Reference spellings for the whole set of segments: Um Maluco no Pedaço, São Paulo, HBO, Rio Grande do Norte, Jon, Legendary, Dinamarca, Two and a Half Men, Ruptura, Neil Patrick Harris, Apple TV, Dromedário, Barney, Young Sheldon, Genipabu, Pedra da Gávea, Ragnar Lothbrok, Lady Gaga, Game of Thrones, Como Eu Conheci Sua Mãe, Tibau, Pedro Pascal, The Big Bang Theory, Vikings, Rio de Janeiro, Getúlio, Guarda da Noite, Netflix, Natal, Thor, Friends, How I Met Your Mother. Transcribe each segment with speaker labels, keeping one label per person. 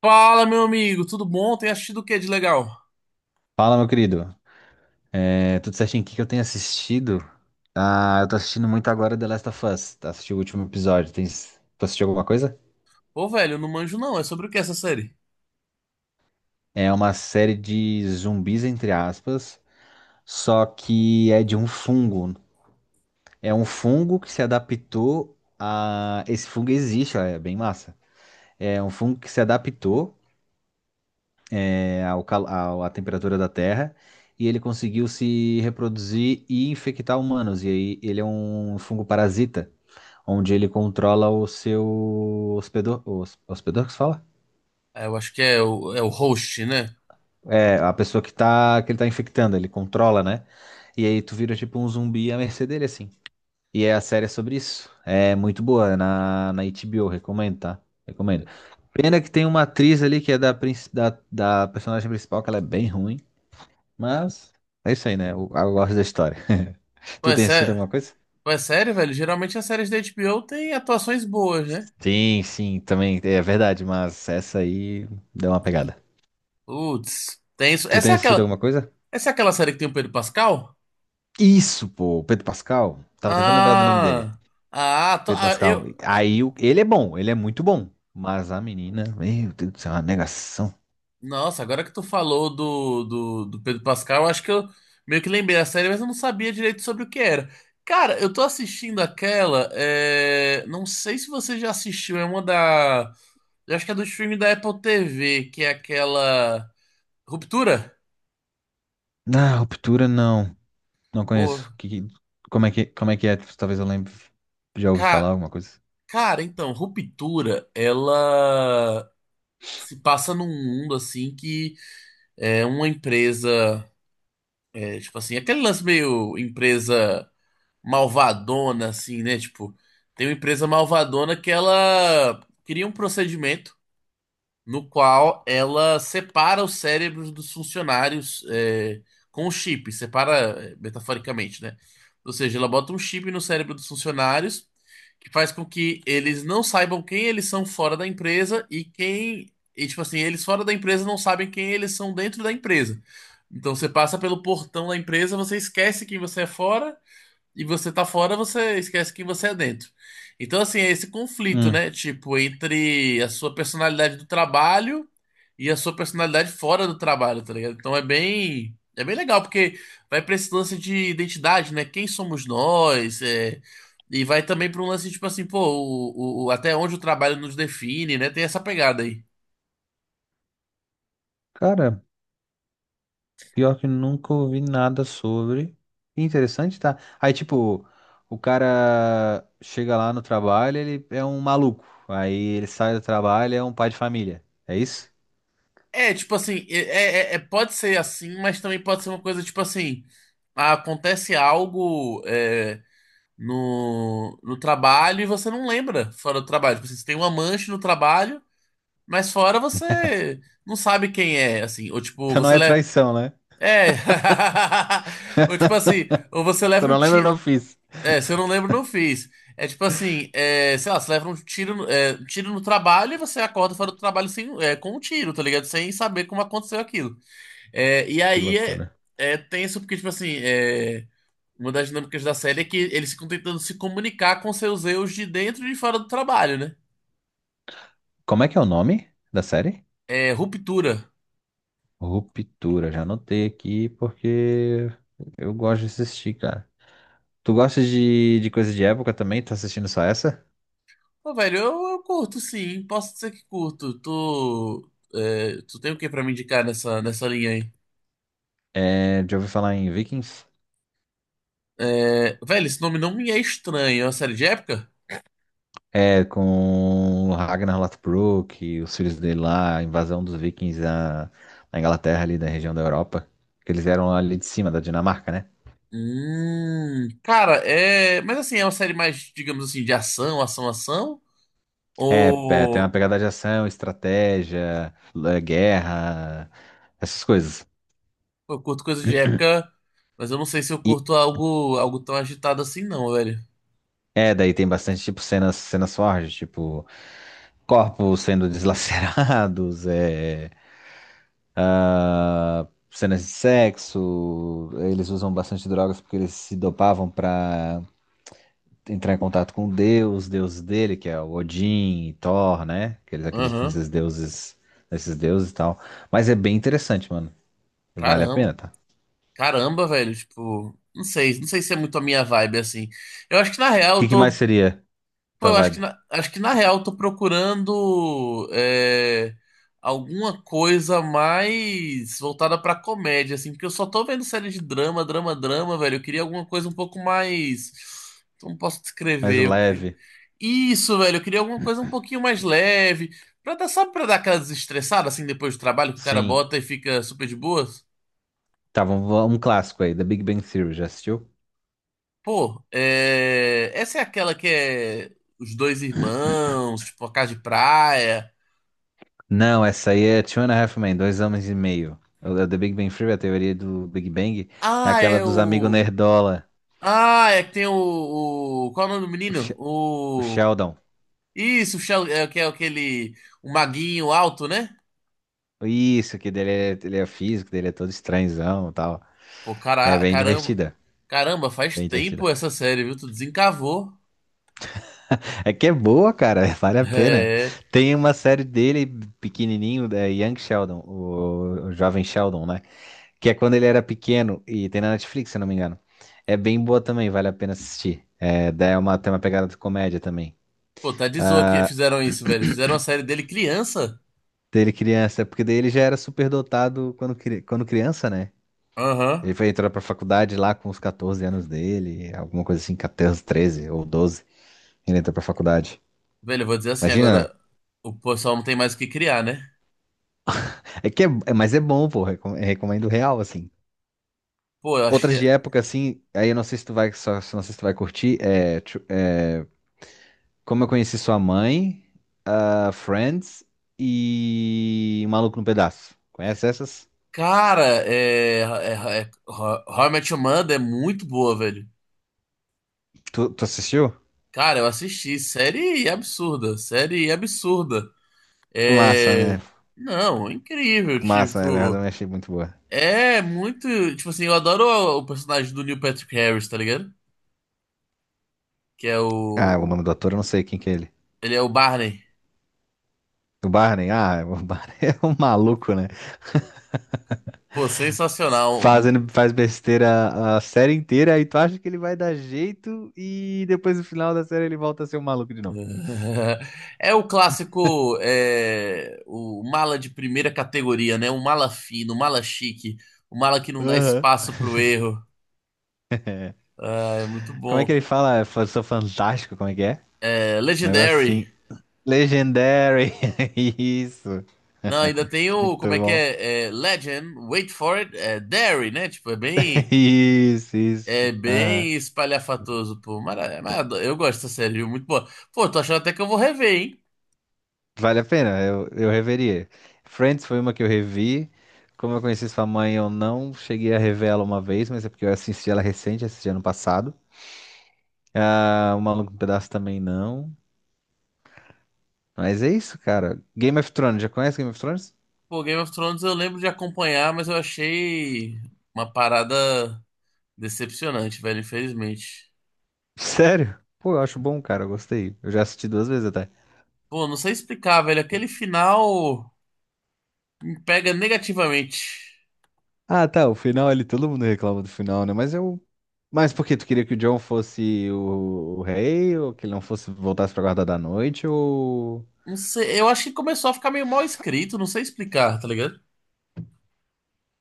Speaker 1: Fala, meu amigo, tudo bom? Tem assistido o que de legal?
Speaker 2: Fala, meu querido. É, tudo certinho? O que que eu tenho assistido? Ah, eu tô assistindo muito agora The Last of Us. Tá assistindo o último episódio. Tem... Tu assistiu alguma coisa?
Speaker 1: Ô, velho, eu não manjo não, é sobre o que essa série?
Speaker 2: É uma série de zumbis, entre aspas, só que é de um fungo. É um fungo que se adaptou a... Esse fungo existe, ó, é bem massa. É um fungo que se adaptou ao cal... à temperatura da Terra e ele conseguiu se reproduzir e infectar humanos. E aí ele é um fungo parasita, onde ele controla o seu hospedor. O hospedor, que se fala?
Speaker 1: É, eu acho que é o, é o host, né?
Speaker 2: É, a pessoa que tá, que ele tá infectando, ele controla, né? E aí tu vira tipo um zumbi à mercê dele, assim. A série é sobre isso. É muito boa, é na HBO, recomendo, tá? Recomendo. Pena que tem uma atriz ali que é da da personagem principal, que ela é bem ruim, mas é isso aí, né? Eu gosto da história.
Speaker 1: Pô,
Speaker 2: Tu
Speaker 1: é,
Speaker 2: tem assistido
Speaker 1: sé...
Speaker 2: alguma coisa?
Speaker 1: Pô, é sério, velho? Geralmente as séries da HBO têm atuações boas, né?
Speaker 2: Sim, sim, também é verdade, mas essa aí deu uma pegada.
Speaker 1: Putz, tem isso.
Speaker 2: Tu tem assistido alguma coisa?
Speaker 1: Essa é aquela série que tem o Pedro Pascal?
Speaker 2: Isso, pô, o Pedro Pascal. Tava tentando lembrar do nome dele.
Speaker 1: Ah, ah, to-
Speaker 2: Pedro
Speaker 1: ah, eu...
Speaker 2: Pascal. Ele é bom, ele é muito bom. Mas a menina, meu Deus do céu, é uma negação.
Speaker 1: Nossa, agora que tu falou do Pedro Pascal, eu acho que eu meio que lembrei da série, mas eu não sabia direito sobre o que era. Cara, eu tô assistindo aquela. Não sei se você já assistiu, é uma da. Eu acho que é do streaming da Apple TV, que é aquela. Ruptura?
Speaker 2: Na ruptura não. Não
Speaker 1: Pô,
Speaker 2: conheço. Como é que, como é que é? Talvez eu lembre. Já ouvi
Speaker 1: ca-
Speaker 2: falar alguma coisa.
Speaker 1: Cara, então, Ruptura, ela se passa num mundo assim que é uma empresa. Tipo assim, aquele lance meio empresa, malvadona, assim, né? Tipo, tem uma empresa malvadona que ela cria um procedimento no qual ela separa os cérebros dos funcionários com o chip, separa metaforicamente, né? Ou seja, ela bota um chip no cérebro dos funcionários que faz com que eles não saibam quem eles são fora da empresa e quem. E, tipo assim, eles fora da empresa não sabem quem eles são dentro da empresa. Então você passa pelo portão da empresa, você esquece quem você é fora e você tá fora, você esquece que você é dentro. Então, assim, é esse conflito,
Speaker 2: Hum.
Speaker 1: né? Tipo, entre a sua personalidade do trabalho e a sua personalidade fora do trabalho, tá ligado? Então é bem legal, porque vai pra esse lance de identidade, né? Quem somos nós? E vai também pra um lance, tipo assim, pô, até onde o trabalho nos define, né? Tem essa pegada aí.
Speaker 2: Cara, pior que nunca ouvi nada sobre. Que interessante, tá? Aí, tipo, o cara chega lá no trabalho, ele é um maluco. Aí ele sai do trabalho, é um pai de família. É isso?
Speaker 1: É, tipo assim, pode ser assim, mas também pode ser uma coisa, tipo assim, acontece algo. No trabalho e você não lembra fora do trabalho. Tipo assim, você tem uma mancha no trabalho, mas fora você não sabe quem é, assim. Ou tipo,
Speaker 2: Então não
Speaker 1: você
Speaker 2: é
Speaker 1: leva.
Speaker 2: traição, né?
Speaker 1: É. Ou tipo assim, ou você leva
Speaker 2: Tu
Speaker 1: um
Speaker 2: não lembra, eu
Speaker 1: tiro.
Speaker 2: não fiz.
Speaker 1: É, se eu não lembro, não fiz. É tipo assim, é, sei lá, você leva um tiro, um tiro no trabalho e você acorda fora do trabalho sem, é, com um tiro, tá ligado? Sem saber como aconteceu aquilo. É, e
Speaker 2: Que
Speaker 1: aí é,
Speaker 2: loucura.
Speaker 1: é tenso porque, tipo assim, é. Uma das dinâmicas da série é que eles ficam tentando se comunicar com seus eus de dentro e de fora do trabalho, né?
Speaker 2: Como é que é o nome da série?
Speaker 1: É, ruptura.
Speaker 2: Ruptura. Já anotei aqui porque eu gosto de assistir, cara. Tu gosta de coisa de época também? Tá assistindo só essa?
Speaker 1: Pô, velho, eu curto sim, posso dizer que curto. Tu, é, tu tem o que pra me indicar nessa, nessa linha aí?
Speaker 2: É, já ouvi falar em Vikings?
Speaker 1: É, velho, esse nome não me é estranho. É uma série de época?
Speaker 2: É, com o Ragnar Lothbrok e os filhos dele lá, a invasão dos Vikings na Inglaterra, ali da região da Europa. Que eles eram ali de cima, da Dinamarca, né?
Speaker 1: Cara, é. Mas assim, é uma série mais, digamos assim, de ação, ação, ação?
Speaker 2: É, é, tem uma
Speaker 1: Ou
Speaker 2: pegada de ação, estratégia, guerra, essas coisas.
Speaker 1: eu curto coisa de época, mas eu não sei se eu
Speaker 2: E
Speaker 1: curto algo, algo tão agitado assim, não, velho.
Speaker 2: Daí tem bastante, tipo, cenas fortes, tipo, corpos sendo deslacerados, é, ah, cenas de sexo. Eles usam bastante drogas porque eles se dopavam pra entrar em contato com Deus, Deus dele, que é o Odin e Thor, né? Que eles acreditam
Speaker 1: Aham.
Speaker 2: nesses deuses e tal. Mas é bem interessante, mano. Vale a
Speaker 1: Caramba,
Speaker 2: pena, tá?
Speaker 1: caramba, velho, tipo, não sei, não sei se é muito a minha vibe assim. Eu acho que na
Speaker 2: O
Speaker 1: real
Speaker 2: que
Speaker 1: eu
Speaker 2: que
Speaker 1: tô,
Speaker 2: mais seria
Speaker 1: pô,
Speaker 2: tua
Speaker 1: eu
Speaker 2: vibe?
Speaker 1: acho que na real eu tô procurando alguma coisa mais voltada pra comédia assim, porque eu só tô vendo série de drama, drama, drama, velho. Eu queria alguma coisa um pouco mais, como posso
Speaker 2: Mais
Speaker 1: descrever?
Speaker 2: leve?
Speaker 1: Isso, velho, eu queria alguma coisa um pouquinho mais leve, pra dar, sabe, pra dar aquela desestressada assim depois do trabalho que o cara
Speaker 2: Sim.
Speaker 1: bota e fica super de boas.
Speaker 2: Tá, vamos, um clássico aí, The Big Bang Theory, já assistiu?
Speaker 1: Pô, é... essa é aquela que é os dois irmãos, tipo, a casa de praia.
Speaker 2: Não, essa aí é Two and a Half Men, dois homens e meio. É O The Big Bang Theory, a teoria do Big Bang, é
Speaker 1: Ah,
Speaker 2: aquela
Speaker 1: é
Speaker 2: dos amigos
Speaker 1: o.
Speaker 2: nerdola,
Speaker 1: Ah, é que tem o. Qual é o nome do
Speaker 2: o,
Speaker 1: menino?
Speaker 2: Sh- o
Speaker 1: O.
Speaker 2: Sheldon.
Speaker 1: Isso, que é aquele. O maguinho alto, né?
Speaker 2: Isso, que dele é, ele é físico, dele é todo estranhão e tal.
Speaker 1: Pô,
Speaker 2: É
Speaker 1: cara...
Speaker 2: bem
Speaker 1: caramba.
Speaker 2: divertida,
Speaker 1: Caramba, faz
Speaker 2: bem
Speaker 1: tempo
Speaker 2: divertida.
Speaker 1: essa série, viu? Tu desencavou.
Speaker 2: É que é boa, cara, vale a pena.
Speaker 1: É.
Speaker 2: Tem uma série dele pequenininho, da Young Sheldon, o jovem Sheldon, né? Que é quando ele era pequeno e tem na Netflix, se eu não me engano. É bem boa também, vale a pena assistir. É, daí é uma, tem uma pegada de comédia também.
Speaker 1: Pô, tá de zoa que fizeram isso, velho. Fizeram a série dele criança.
Speaker 2: Daí ele criança, porque daí ele já era superdotado quando criança, né?
Speaker 1: Aham.
Speaker 2: Ele foi entrar pra faculdade lá com os 14 anos dele, alguma coisa assim, 14, 13 ou doze. Ele entrou pra faculdade.
Speaker 1: Velho, eu vou dizer assim
Speaker 2: Imagina, né?
Speaker 1: agora. O pessoal não tem mais o que criar, né?
Speaker 2: Mas é bom, pô, recomendo real, assim.
Speaker 1: Pô, eu
Speaker 2: Outras de
Speaker 1: achei.
Speaker 2: época, assim, aí eu não sei se tu vai, só, se- não sei se tu vai curtir, Como Eu Conheci Sua Mãe, ah, Friends e Um Maluco no Pedaço. Conhece essas?
Speaker 1: Cara, How I Met Your Mother é muito boa, velho.
Speaker 2: Tu assistiu?
Speaker 1: Cara, eu assisti. Série absurda. Série absurda.
Speaker 2: Massa,
Speaker 1: É...
Speaker 2: né?
Speaker 1: Não, é incrível.
Speaker 2: Massa, né? Eu
Speaker 1: Tipo,
Speaker 2: também achei muito boa.
Speaker 1: é muito. Tipo assim, eu adoro o personagem do Neil Patrick Harris, tá ligado? Que é o.
Speaker 2: Ah, o nome do ator eu não sei quem que é ele.
Speaker 1: Ele é o Barney.
Speaker 2: O Barney? Ah, o Barney é um maluco, né?
Speaker 1: Pô, sensacional.
Speaker 2: Fazendo, faz besteira a série inteira, aí tu acha que ele vai dar jeito e depois no final da série ele volta a ser um maluco de novo.
Speaker 1: É o clássico, é, o mala de primeira categoria, né? O mala fino, o mala chique, o mala que não dá
Speaker 2: Aham.
Speaker 1: espaço pro erro. Ah, é muito
Speaker 2: Como é que
Speaker 1: bom.
Speaker 2: ele fala? Eu sou fantástico, como é que é?
Speaker 1: É,
Speaker 2: Um negócio
Speaker 1: Legendary.
Speaker 2: assim. Legendary. Isso.
Speaker 1: Não, ainda tem o,
Speaker 2: Muito
Speaker 1: como é que
Speaker 2: bom.
Speaker 1: é? É, Legend, wait for it, é Dairy, né? Tipo,
Speaker 2: Isso,
Speaker 1: é
Speaker 2: isso. Aham.
Speaker 1: bem espalhafatoso, pô. Mas eu gosto dessa série, viu? Muito boa. Pô, tô achando até que eu vou rever, hein?
Speaker 2: Vale a pena, eu reveria. Friends foi uma que eu revi. Como eu conheci sua mãe, eu não cheguei a rever ela uma vez, mas é porque eu assisti ela recente, assisti ano passado. Ah, O Maluco no Pedaço também não. Mas é isso, cara. Game of Thrones, já conhece Game of Thrones?
Speaker 1: Pô, Game of Thrones eu lembro de acompanhar, mas eu achei uma parada decepcionante, velho, infelizmente.
Speaker 2: Sério? Pô, eu acho bom, cara, eu gostei. Eu já assisti duas vezes até.
Speaker 1: Pô, não sei explicar, velho. Aquele final me pega negativamente.
Speaker 2: Ah, tá, o final ali, todo mundo reclama do final, né? Mas eu. Mas por quê? Tu queria que o Jon fosse o rei? Ou que ele não fosse voltasse pra Guarda da Noite? Ou.
Speaker 1: Não sei, eu acho que começou a ficar meio mal escrito, não sei explicar, tá ligado?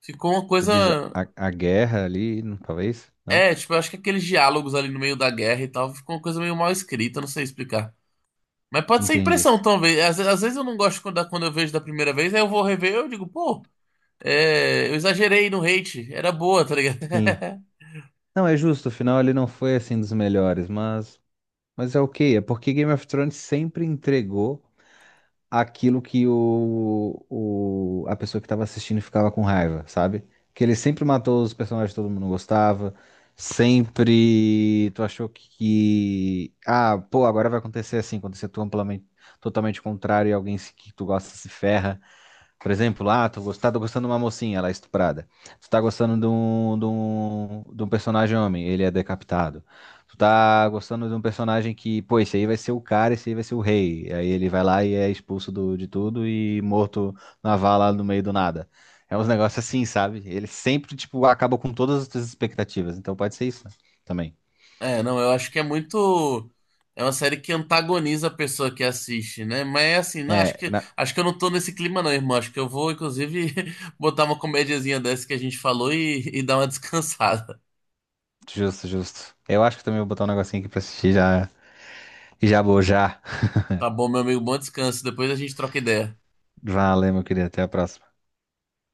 Speaker 1: Ficou uma
Speaker 2: Tu diz
Speaker 1: coisa.
Speaker 2: a guerra ali, não- talvez? Não?
Speaker 1: É, tipo, eu acho que aqueles diálogos ali no meio da guerra e tal, ficou uma coisa meio mal escrita, não sei explicar. Mas pode ser
Speaker 2: Entendi
Speaker 1: impressão,
Speaker 2: isso.
Speaker 1: talvez. Às, às vezes eu não gosto quando, quando eu vejo da primeira vez, aí eu vou rever, e eu digo, pô, é, eu exagerei no hate, era boa, tá ligado?
Speaker 2: Sim. Não, é justo, o final ele não foi assim dos melhores, mas é ok. É porque Game of Thrones sempre entregou aquilo que a pessoa que tava assistindo ficava com raiva, sabe? Que ele sempre matou os personagens que todo mundo gostava. Sempre tu achou ah, pô, agora vai acontecer assim, acontecer tu amplamente, totalmente contrário e alguém se- que tu gosta se ferra. Por exemplo, ah, tu gostar, tô gostando de uma mocinha, ela é estuprada. Tu tá gostando de um, de um personagem homem, ele é decapitado. Tu tá gostando de um personagem que, pô, esse aí vai ser o cara, esse aí vai ser o rei. Aí ele vai lá e é expulso de tudo e morto na vala no meio do nada. É uns negócios assim, sabe? Ele sempre, tipo, acaba com todas as tuas expectativas. Então pode ser isso né? Também.
Speaker 1: É, não, eu acho que é muito. É uma série que antagoniza a pessoa que assiste, né? Mas é assim, não,
Speaker 2: É,
Speaker 1: acho que eu não tô nesse clima, não, irmão. Acho que eu vou, inclusive, botar uma comediazinha dessa que a gente falou e dar uma descansada.
Speaker 2: justo, justo. Eu acho que também vou botar um negocinho aqui pra assistir já, e já bojar.
Speaker 1: Tá bom, meu amigo, bom descanso. Depois a gente troca ideia.
Speaker 2: Valeu, meu querido. Até a próxima.